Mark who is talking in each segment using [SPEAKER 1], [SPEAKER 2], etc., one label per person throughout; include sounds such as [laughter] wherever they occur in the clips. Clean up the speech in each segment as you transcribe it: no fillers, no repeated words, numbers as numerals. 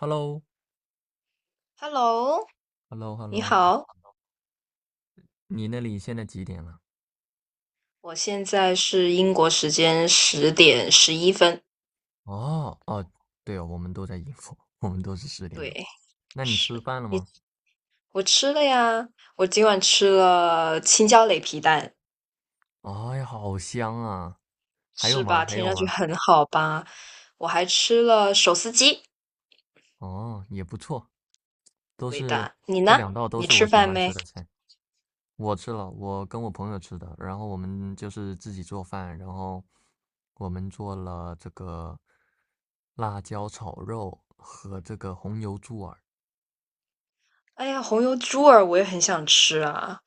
[SPEAKER 1] h e l l o
[SPEAKER 2] Hello，
[SPEAKER 1] h e l l o h e l l
[SPEAKER 2] 你
[SPEAKER 1] o
[SPEAKER 2] 好，
[SPEAKER 1] 你那里现在几点了？
[SPEAKER 2] 我现在是英国时间10:11。
[SPEAKER 1] 哦哦，对哦，我们都在英国，[laughs] 我们都是十点
[SPEAKER 2] 对，
[SPEAKER 1] 钟。那你吃
[SPEAKER 2] 是
[SPEAKER 1] 饭了
[SPEAKER 2] 你，
[SPEAKER 1] 吗？
[SPEAKER 2] 我吃了呀，我今晚吃了青椒擂皮蛋。
[SPEAKER 1] 哎呀，好香啊！还有
[SPEAKER 2] 是
[SPEAKER 1] 吗？
[SPEAKER 2] 吧？
[SPEAKER 1] 还
[SPEAKER 2] 听
[SPEAKER 1] 有
[SPEAKER 2] 上去
[SPEAKER 1] 吗？
[SPEAKER 2] 很好吧？我还吃了手撕鸡，
[SPEAKER 1] 哦，也不错。都
[SPEAKER 2] 味
[SPEAKER 1] 是
[SPEAKER 2] 道。你
[SPEAKER 1] 这
[SPEAKER 2] 呢？
[SPEAKER 1] 两道都
[SPEAKER 2] 你
[SPEAKER 1] 是
[SPEAKER 2] 吃
[SPEAKER 1] 我喜
[SPEAKER 2] 饭
[SPEAKER 1] 欢
[SPEAKER 2] 没？
[SPEAKER 1] 吃的菜。我吃了，我跟我朋友吃的，然后我们就是自己做饭，然后我们做了这个辣椒炒肉和这个红油猪耳。
[SPEAKER 2] 哎呀，红油猪耳我也很想吃啊。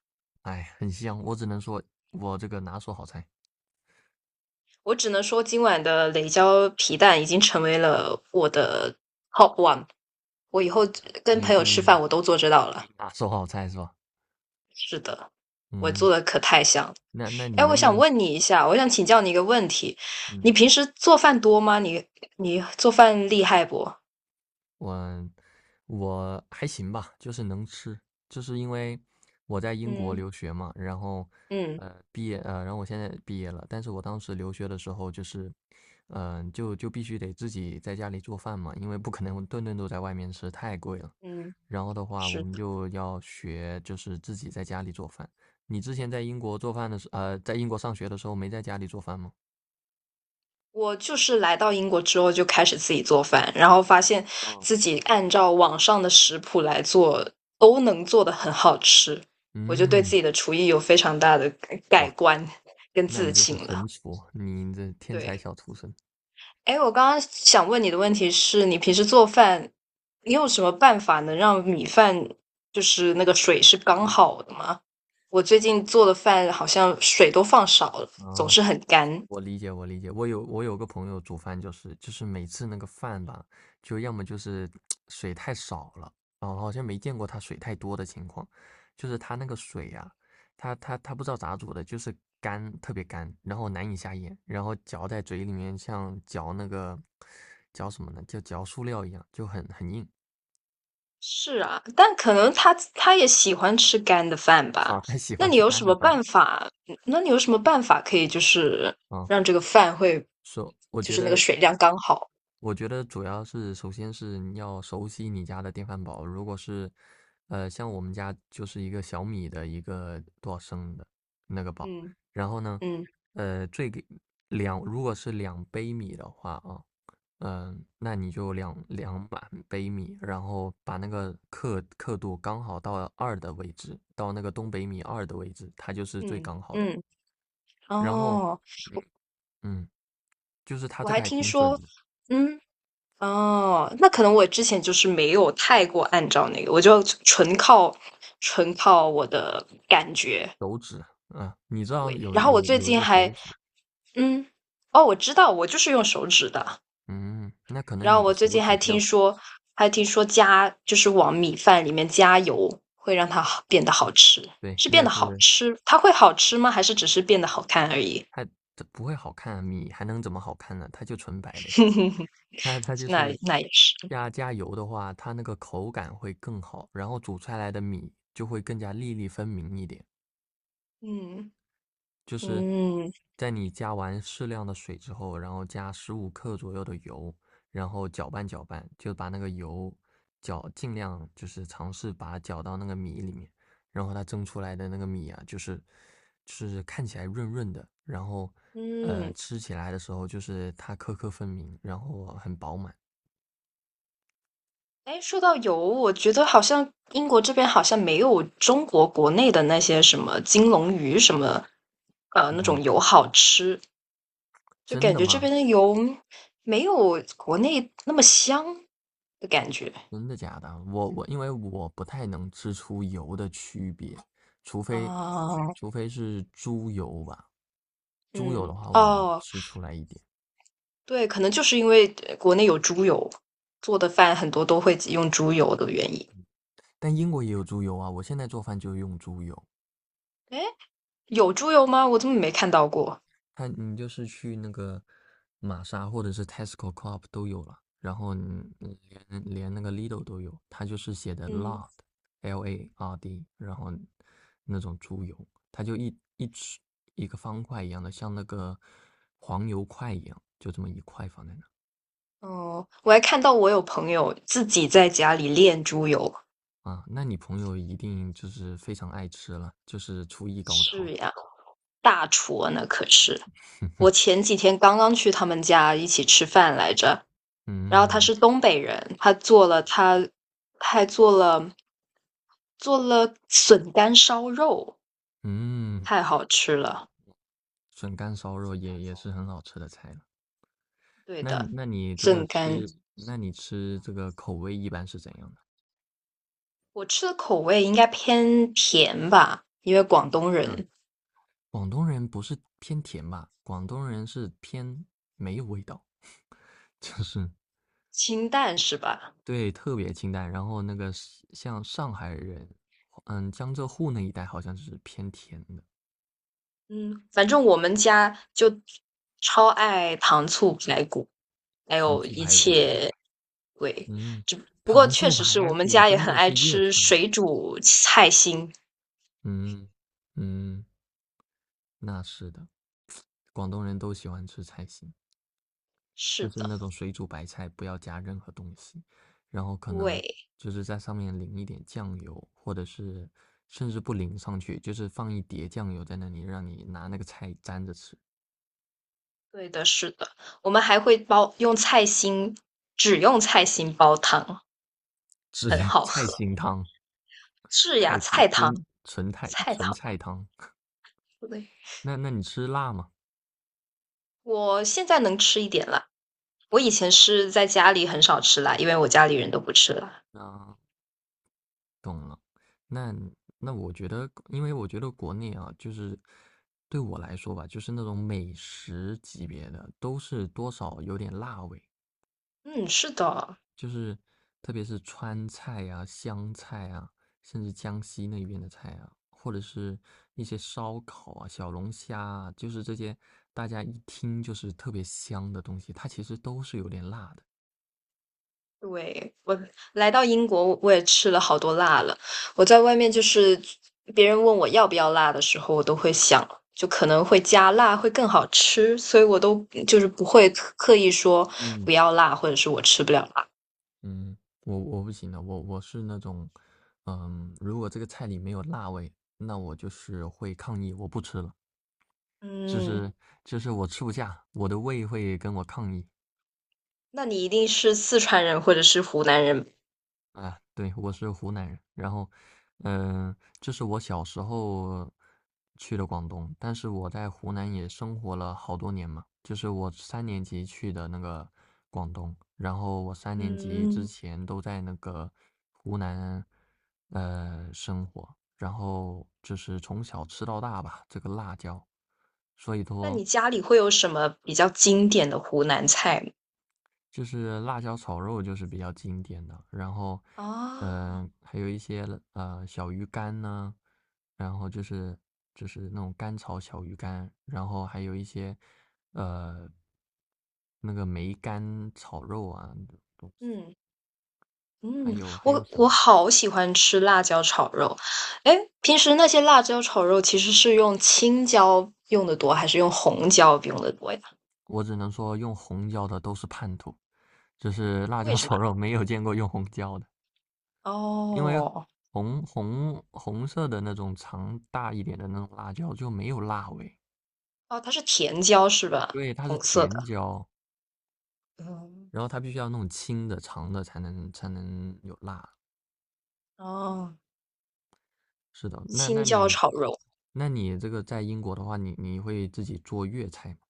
[SPEAKER 1] 哎，很香，我只能说我这个拿手好菜。
[SPEAKER 2] 我只能说，今晚的擂椒皮蛋已经成为了我的 top one。我以后跟
[SPEAKER 1] 你
[SPEAKER 2] 朋友吃
[SPEAKER 1] 弟
[SPEAKER 2] 饭，我都做这道了。
[SPEAKER 1] 一拿手好菜是吧？
[SPEAKER 2] 是的，我做
[SPEAKER 1] 嗯。
[SPEAKER 2] 的可太像了。
[SPEAKER 1] 那你
[SPEAKER 2] 哎，我
[SPEAKER 1] 能不
[SPEAKER 2] 想
[SPEAKER 1] 能？
[SPEAKER 2] 问你一下，我想请教你一个问题：你
[SPEAKER 1] 嗯，
[SPEAKER 2] 平时做饭多吗？你做饭厉害不？
[SPEAKER 1] 我我还行吧，就是能吃，就是因为我在英国
[SPEAKER 2] 嗯
[SPEAKER 1] 留学嘛，然后
[SPEAKER 2] 嗯
[SPEAKER 1] 呃毕业呃，然后我现在毕业了，但是我当时留学的时候就是，就必须得自己在家里做饭嘛，因为不可能 [laughs] 顿顿都在外面吃，太贵了。
[SPEAKER 2] 嗯，
[SPEAKER 1] 然后的话，我
[SPEAKER 2] 是的，
[SPEAKER 1] 们就要学，就是自己在家里做饭。你之前在英国上学的时候，没在家里做饭吗？
[SPEAKER 2] 我就是来到英国之后就开始自己做饭，然后发现
[SPEAKER 1] 嗯。
[SPEAKER 2] 自己按照网上的食谱来做，都能做的很好吃，我就对自
[SPEAKER 1] 嗯。
[SPEAKER 2] 己的厨艺有非常大的改改
[SPEAKER 1] 哇，
[SPEAKER 2] 观跟
[SPEAKER 1] 那
[SPEAKER 2] 自
[SPEAKER 1] 你就是
[SPEAKER 2] 信了。
[SPEAKER 1] 神厨，你这天才
[SPEAKER 2] 对。
[SPEAKER 1] 小厨神。
[SPEAKER 2] 哎，我刚刚想问你的问题是你平时做饭，你有什么办法能让米饭就是那个水是刚好的吗？我最近做的饭好像水都放少了，总
[SPEAKER 1] 啊，
[SPEAKER 2] 是很
[SPEAKER 1] 是
[SPEAKER 2] 干。
[SPEAKER 1] 我理解，我理解。我有个朋友煮饭，就是每次那个饭吧，就要么就是水太少了。哦，好像没见过他水太多的情况。就是他那个水呀、他不知道咋煮的，就是干，特别干，然后难以下咽，然后嚼在嘴里面像嚼那个嚼什么呢？就嚼塑料一样，就很硬。
[SPEAKER 2] 是啊，但可能他也喜欢吃干的饭
[SPEAKER 1] [laughs]
[SPEAKER 2] 吧？
[SPEAKER 1] 啊，他喜
[SPEAKER 2] 那
[SPEAKER 1] 欢
[SPEAKER 2] 你
[SPEAKER 1] 吃
[SPEAKER 2] 有什
[SPEAKER 1] 干的
[SPEAKER 2] 么
[SPEAKER 1] 饭。
[SPEAKER 2] 办法？那你有什么办法可以就是
[SPEAKER 1] 啊。
[SPEAKER 2] 让这个饭会
[SPEAKER 1] 说我
[SPEAKER 2] 就
[SPEAKER 1] 觉
[SPEAKER 2] 是那个
[SPEAKER 1] 得，
[SPEAKER 2] 水量刚好？
[SPEAKER 1] 我觉得主要是，首先是你要熟悉你家的电饭煲。如果是，像我们家就是一个小米的一个多少升的那个煲，
[SPEAKER 2] 嗯
[SPEAKER 1] 然后呢，
[SPEAKER 2] 嗯
[SPEAKER 1] 呃，最给两如果是两杯米的话啊，那你就两满杯米，然后把那个刻度刚好到二的位置，到那个东北米二的位置，它就是最
[SPEAKER 2] 嗯
[SPEAKER 1] 刚好的。
[SPEAKER 2] 嗯。
[SPEAKER 1] 然后，
[SPEAKER 2] 哦，
[SPEAKER 1] 嗯，就是它
[SPEAKER 2] 我
[SPEAKER 1] 这
[SPEAKER 2] 还
[SPEAKER 1] 个还
[SPEAKER 2] 听
[SPEAKER 1] 挺准
[SPEAKER 2] 说，
[SPEAKER 1] 的。
[SPEAKER 2] 嗯。哦，那可能我之前就是没有太过按照那个，我就纯靠我的感觉。
[SPEAKER 1] 手指，你知道
[SPEAKER 2] 对，
[SPEAKER 1] 有
[SPEAKER 2] 然后
[SPEAKER 1] 有
[SPEAKER 2] 我最
[SPEAKER 1] 有一
[SPEAKER 2] 近
[SPEAKER 1] 个手
[SPEAKER 2] 还，
[SPEAKER 1] 指。
[SPEAKER 2] 嗯，哦，我知道，我就是用手指的。
[SPEAKER 1] 嗯，那可能
[SPEAKER 2] 然后
[SPEAKER 1] 你的
[SPEAKER 2] 我最
[SPEAKER 1] 手
[SPEAKER 2] 近
[SPEAKER 1] 指
[SPEAKER 2] 还
[SPEAKER 1] 比较
[SPEAKER 2] 听
[SPEAKER 1] 长。
[SPEAKER 2] 说，还听说加就是往米饭里面加油，会让它好变得好吃，
[SPEAKER 1] 对，
[SPEAKER 2] 是变得好吃，它会好吃吗？还是只是变得好看而已？
[SPEAKER 1] 它它不会好看啊，米还能怎么好看呢？它就纯白的。
[SPEAKER 2] [laughs]
[SPEAKER 1] 它就
[SPEAKER 2] 那
[SPEAKER 1] 是
[SPEAKER 2] 那也是，
[SPEAKER 1] 加油的话，它那个口感会更好，然后煮出来的米就会更加粒粒分明一点。
[SPEAKER 2] 嗯
[SPEAKER 1] 就是
[SPEAKER 2] 嗯
[SPEAKER 1] 在你加完适量的水之后，然后加15克左右的油，然后搅拌搅拌，就把那个油搅，尽量就是尝试把它搅到那个米里面，然后它蒸出来的那个米啊，就是看起来润润的，然后
[SPEAKER 2] 嗯。
[SPEAKER 1] 吃起来的时候就是它颗颗分明，然后很饱满。
[SPEAKER 2] 哎，说到油，我觉得好像英国这边好像没有中国国内的那些什么金龙鱼什么，那种
[SPEAKER 1] 嗯，
[SPEAKER 2] 油好吃，就
[SPEAKER 1] 真
[SPEAKER 2] 感
[SPEAKER 1] 的
[SPEAKER 2] 觉这边
[SPEAKER 1] 吗？
[SPEAKER 2] 的油没有国内那么香的感觉
[SPEAKER 1] 真的假的？我因为我不太能吃出油的区别，除非
[SPEAKER 2] 啊。
[SPEAKER 1] 是猪油吧。猪油
[SPEAKER 2] 嗯，
[SPEAKER 1] 的话，我能
[SPEAKER 2] 哦，
[SPEAKER 1] 吃出来一点。
[SPEAKER 2] 对，可能就是因为国内有猪油，做的饭很多都会用猪油的原因。
[SPEAKER 1] 但英国也有猪油啊，我现在做饭就用猪油。
[SPEAKER 2] 哎，有猪油吗？我怎么没看到过？
[SPEAKER 1] 它你就是去那个玛莎或者是 Tesco、Coop 都有了，然后你连那个 Lidl 都有。它就是写的
[SPEAKER 2] 嗯，
[SPEAKER 1] lard，L A R D，然后那种猪油，它就一个方块一样的，像那个黄油块一样，就这么一块放在那。
[SPEAKER 2] 哦，我还看到我有朋友自己在家里炼猪油。
[SPEAKER 1] 啊。那你朋友一定就是非常爱吃了，就是厨艺高
[SPEAKER 2] 是
[SPEAKER 1] 超。
[SPEAKER 2] 呀，大厨啊那可是。我前几天刚刚去他们家一起吃饭来着，然后他
[SPEAKER 1] 嗯
[SPEAKER 2] 是东北人，他做了他还做了笋干烧肉，
[SPEAKER 1] 嗯。
[SPEAKER 2] 太好吃了。
[SPEAKER 1] 笋干烧肉也是很好吃的菜了。
[SPEAKER 2] 对的，笋干，
[SPEAKER 1] 那你吃这个口味一般是怎样的？
[SPEAKER 2] 我吃的口味应该偏甜吧，因为广东
[SPEAKER 1] 那
[SPEAKER 2] 人，
[SPEAKER 1] 广东人不是偏甜吧？广东人是偏没有味道。[laughs] 就是
[SPEAKER 2] 清淡是吧？
[SPEAKER 1] 对，特别清淡。然后那个是像上海人，嗯，江浙沪那一带好像是偏甜的。
[SPEAKER 2] 嗯，反正我们家就超爱糖醋排骨，还
[SPEAKER 1] 糖
[SPEAKER 2] 有
[SPEAKER 1] 醋
[SPEAKER 2] 一
[SPEAKER 1] 排骨，
[SPEAKER 2] 切对，
[SPEAKER 1] 嗯。
[SPEAKER 2] 只不过
[SPEAKER 1] 糖
[SPEAKER 2] 确
[SPEAKER 1] 醋
[SPEAKER 2] 实是
[SPEAKER 1] 排
[SPEAKER 2] 我们
[SPEAKER 1] 骨
[SPEAKER 2] 家也
[SPEAKER 1] 真
[SPEAKER 2] 很
[SPEAKER 1] 的
[SPEAKER 2] 爱
[SPEAKER 1] 是粤
[SPEAKER 2] 吃
[SPEAKER 1] 菜。
[SPEAKER 2] 水煮菜心。
[SPEAKER 1] 嗯嗯，那是的，广东人都喜欢吃菜心。
[SPEAKER 2] 是
[SPEAKER 1] 就是
[SPEAKER 2] 的，
[SPEAKER 1] 那种水煮白菜，不要加任何东西，然后可能
[SPEAKER 2] 对，
[SPEAKER 1] 就是在上面淋一点酱油，或者是甚至不淋上去，就是放一碟酱油在那里，让你拿那个菜沾着吃。
[SPEAKER 2] 对的，是的，我们还会煲用菜心，只用菜心煲汤，
[SPEAKER 1] 是
[SPEAKER 2] 很
[SPEAKER 1] [laughs]
[SPEAKER 2] 好
[SPEAKER 1] 菜
[SPEAKER 2] 喝。
[SPEAKER 1] 心汤。
[SPEAKER 2] 是呀，
[SPEAKER 1] 菜
[SPEAKER 2] 菜汤，
[SPEAKER 1] 纯纯菜
[SPEAKER 2] 菜
[SPEAKER 1] 纯
[SPEAKER 2] 汤，
[SPEAKER 1] 菜汤。
[SPEAKER 2] 对。
[SPEAKER 1] 那你吃辣吗？
[SPEAKER 2] 我现在能吃一点了。我以前是在家里很少吃辣，因为我家里人都不吃辣。
[SPEAKER 1] 啊，懂了。那那我觉得，因为我觉得国内啊，就是对我来说吧，就是那种美食级别的，都是多少有点辣味。
[SPEAKER 2] 嗯，是的。
[SPEAKER 1] 就是特别是川菜啊、湘菜啊，甚至江西那边的菜啊，或者是一些烧烤啊、小龙虾啊，就是这些大家一听就是特别香的东西，它其实都是有点辣的。
[SPEAKER 2] 对，我来到英国，我也吃了好多辣了。我在外面就是别人问我要不要辣的时候，我都会想，就可能会加辣会更好吃，所以我都就是不会刻意说不
[SPEAKER 1] 嗯。
[SPEAKER 2] 要辣，或者是我吃不了辣。
[SPEAKER 1] 嗯，我不行的，我是那种，嗯，如果这个菜里没有辣味，那我就是会抗议，我不吃了。就
[SPEAKER 2] 嗯，
[SPEAKER 1] 是就是我吃不下，我的胃会跟我抗议。
[SPEAKER 2] 那你一定是四川人或者是湖南人。
[SPEAKER 1] 啊，对，我是湖南人。然后，这是我小时候去的广东，但是我在湖南也生活了好多年嘛，就是我三年级去的那个广东，然后我三年级之
[SPEAKER 2] 嗯，
[SPEAKER 1] 前都在那个湖南，生活。然后就是从小吃到大吧，这个辣椒，所以
[SPEAKER 2] 那
[SPEAKER 1] 说
[SPEAKER 2] 你家里会有什么比较经典的湖南菜吗？
[SPEAKER 1] 就是辣椒炒肉就是比较经典的。然后，
[SPEAKER 2] 啊，
[SPEAKER 1] 还有一些小鱼干呢，然后就是那种干炒小鱼干，然后还有一些呃那个梅干炒肉啊。
[SPEAKER 2] 嗯。
[SPEAKER 1] 还
[SPEAKER 2] 嗯，
[SPEAKER 1] 有还有
[SPEAKER 2] 我
[SPEAKER 1] 什么？
[SPEAKER 2] 我好喜欢吃辣椒炒肉。哎，平时那些辣椒炒肉其实是用青椒用的多，还是用红椒用的多呀？
[SPEAKER 1] 我只能说用红椒的都是叛徒，就是辣
[SPEAKER 2] 为
[SPEAKER 1] 椒
[SPEAKER 2] 什么？
[SPEAKER 1] 炒肉没有见过用红椒的。因为
[SPEAKER 2] 哦，
[SPEAKER 1] 红色的那种长大一点的那种辣椒就没有辣味。
[SPEAKER 2] 哦，它是甜椒是吧？
[SPEAKER 1] 对，它是
[SPEAKER 2] 红色
[SPEAKER 1] 甜
[SPEAKER 2] 的。
[SPEAKER 1] 椒，
[SPEAKER 2] 嗯，
[SPEAKER 1] 然后它必须要弄青的、长的才能有辣。
[SPEAKER 2] 哦，
[SPEAKER 1] 是的。那
[SPEAKER 2] 青
[SPEAKER 1] 那
[SPEAKER 2] 椒
[SPEAKER 1] 你
[SPEAKER 2] 炒肉。
[SPEAKER 1] 那你这个在英国的话，你会自己做粤菜吗？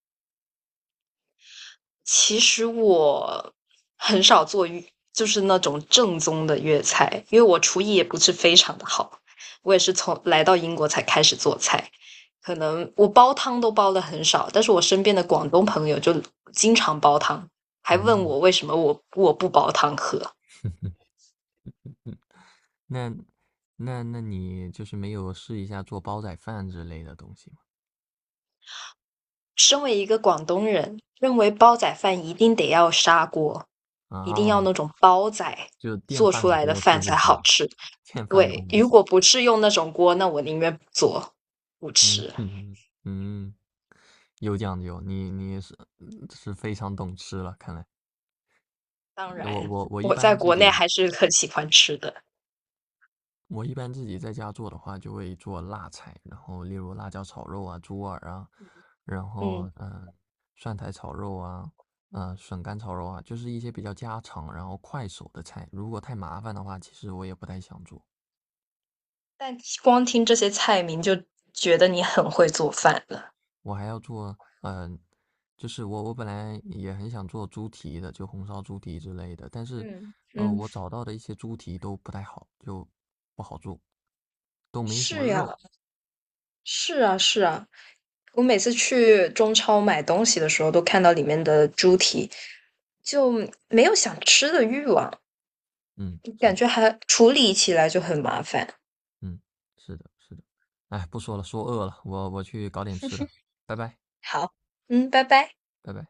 [SPEAKER 2] 其实我很少做粤就是那种正宗的粤菜，因为我厨艺也不是非常的好，我也是从来到英国才开始做菜。可能我煲汤都煲的很少，但是我身边的广东朋友就经常煲汤，还问
[SPEAKER 1] 嗯。
[SPEAKER 2] 我为什么我不煲汤喝。
[SPEAKER 1] 那那你就是没有试一下做煲仔饭之类的东西吗？
[SPEAKER 2] 身为一个广东人，认为煲仔饭一定得要砂锅，一定要
[SPEAKER 1] 啊，
[SPEAKER 2] 那种煲仔
[SPEAKER 1] 就电
[SPEAKER 2] 做出
[SPEAKER 1] 饭
[SPEAKER 2] 来的
[SPEAKER 1] 锅
[SPEAKER 2] 饭
[SPEAKER 1] 是不
[SPEAKER 2] 才好
[SPEAKER 1] 行，
[SPEAKER 2] 吃。
[SPEAKER 1] 电饭锅
[SPEAKER 2] 对，
[SPEAKER 1] 不
[SPEAKER 2] 如
[SPEAKER 1] 行。
[SPEAKER 2] 果不是用那种锅，那我宁愿不做，不
[SPEAKER 1] 嗯
[SPEAKER 2] 吃。
[SPEAKER 1] 嗯嗯，有讲究，你是非常懂吃了，看来。
[SPEAKER 2] 当
[SPEAKER 1] 我
[SPEAKER 2] 然，
[SPEAKER 1] 我我一
[SPEAKER 2] 我在
[SPEAKER 1] 般自
[SPEAKER 2] 国内
[SPEAKER 1] 己。
[SPEAKER 2] 还是很喜欢吃的，
[SPEAKER 1] 我一般自己在家做的话，就会做辣菜，然后例如辣椒炒肉啊、猪耳啊，然
[SPEAKER 2] 嗯。
[SPEAKER 1] 后蒜苔炒肉啊，嗯，笋干炒肉啊，就是一些比较家常，然后快手的菜。如果太麻烦的话，其实我也不太想做。
[SPEAKER 2] 但光听这些菜名就觉得你很会做饭了。
[SPEAKER 1] 我还要做。嗯、呃就是我本来也很想做猪蹄的，就红烧猪蹄之类的。但是，
[SPEAKER 2] 嗯嗯，
[SPEAKER 1] 我找到的一些猪蹄都不太好，就不好做，都没什么
[SPEAKER 2] 是呀，
[SPEAKER 1] 肉。
[SPEAKER 2] 是啊，是啊。我每次去中超买东西的时候，都看到里面的猪蹄，就没有想吃的欲望，
[SPEAKER 1] 嗯，是
[SPEAKER 2] 感
[SPEAKER 1] 的。
[SPEAKER 2] 觉还处理起来就很麻烦。
[SPEAKER 1] 嗯，是的，是的。哎，不说了，说饿了，我去搞点吃的，拜拜。
[SPEAKER 2] 好，嗯，拜拜。
[SPEAKER 1] 拜拜。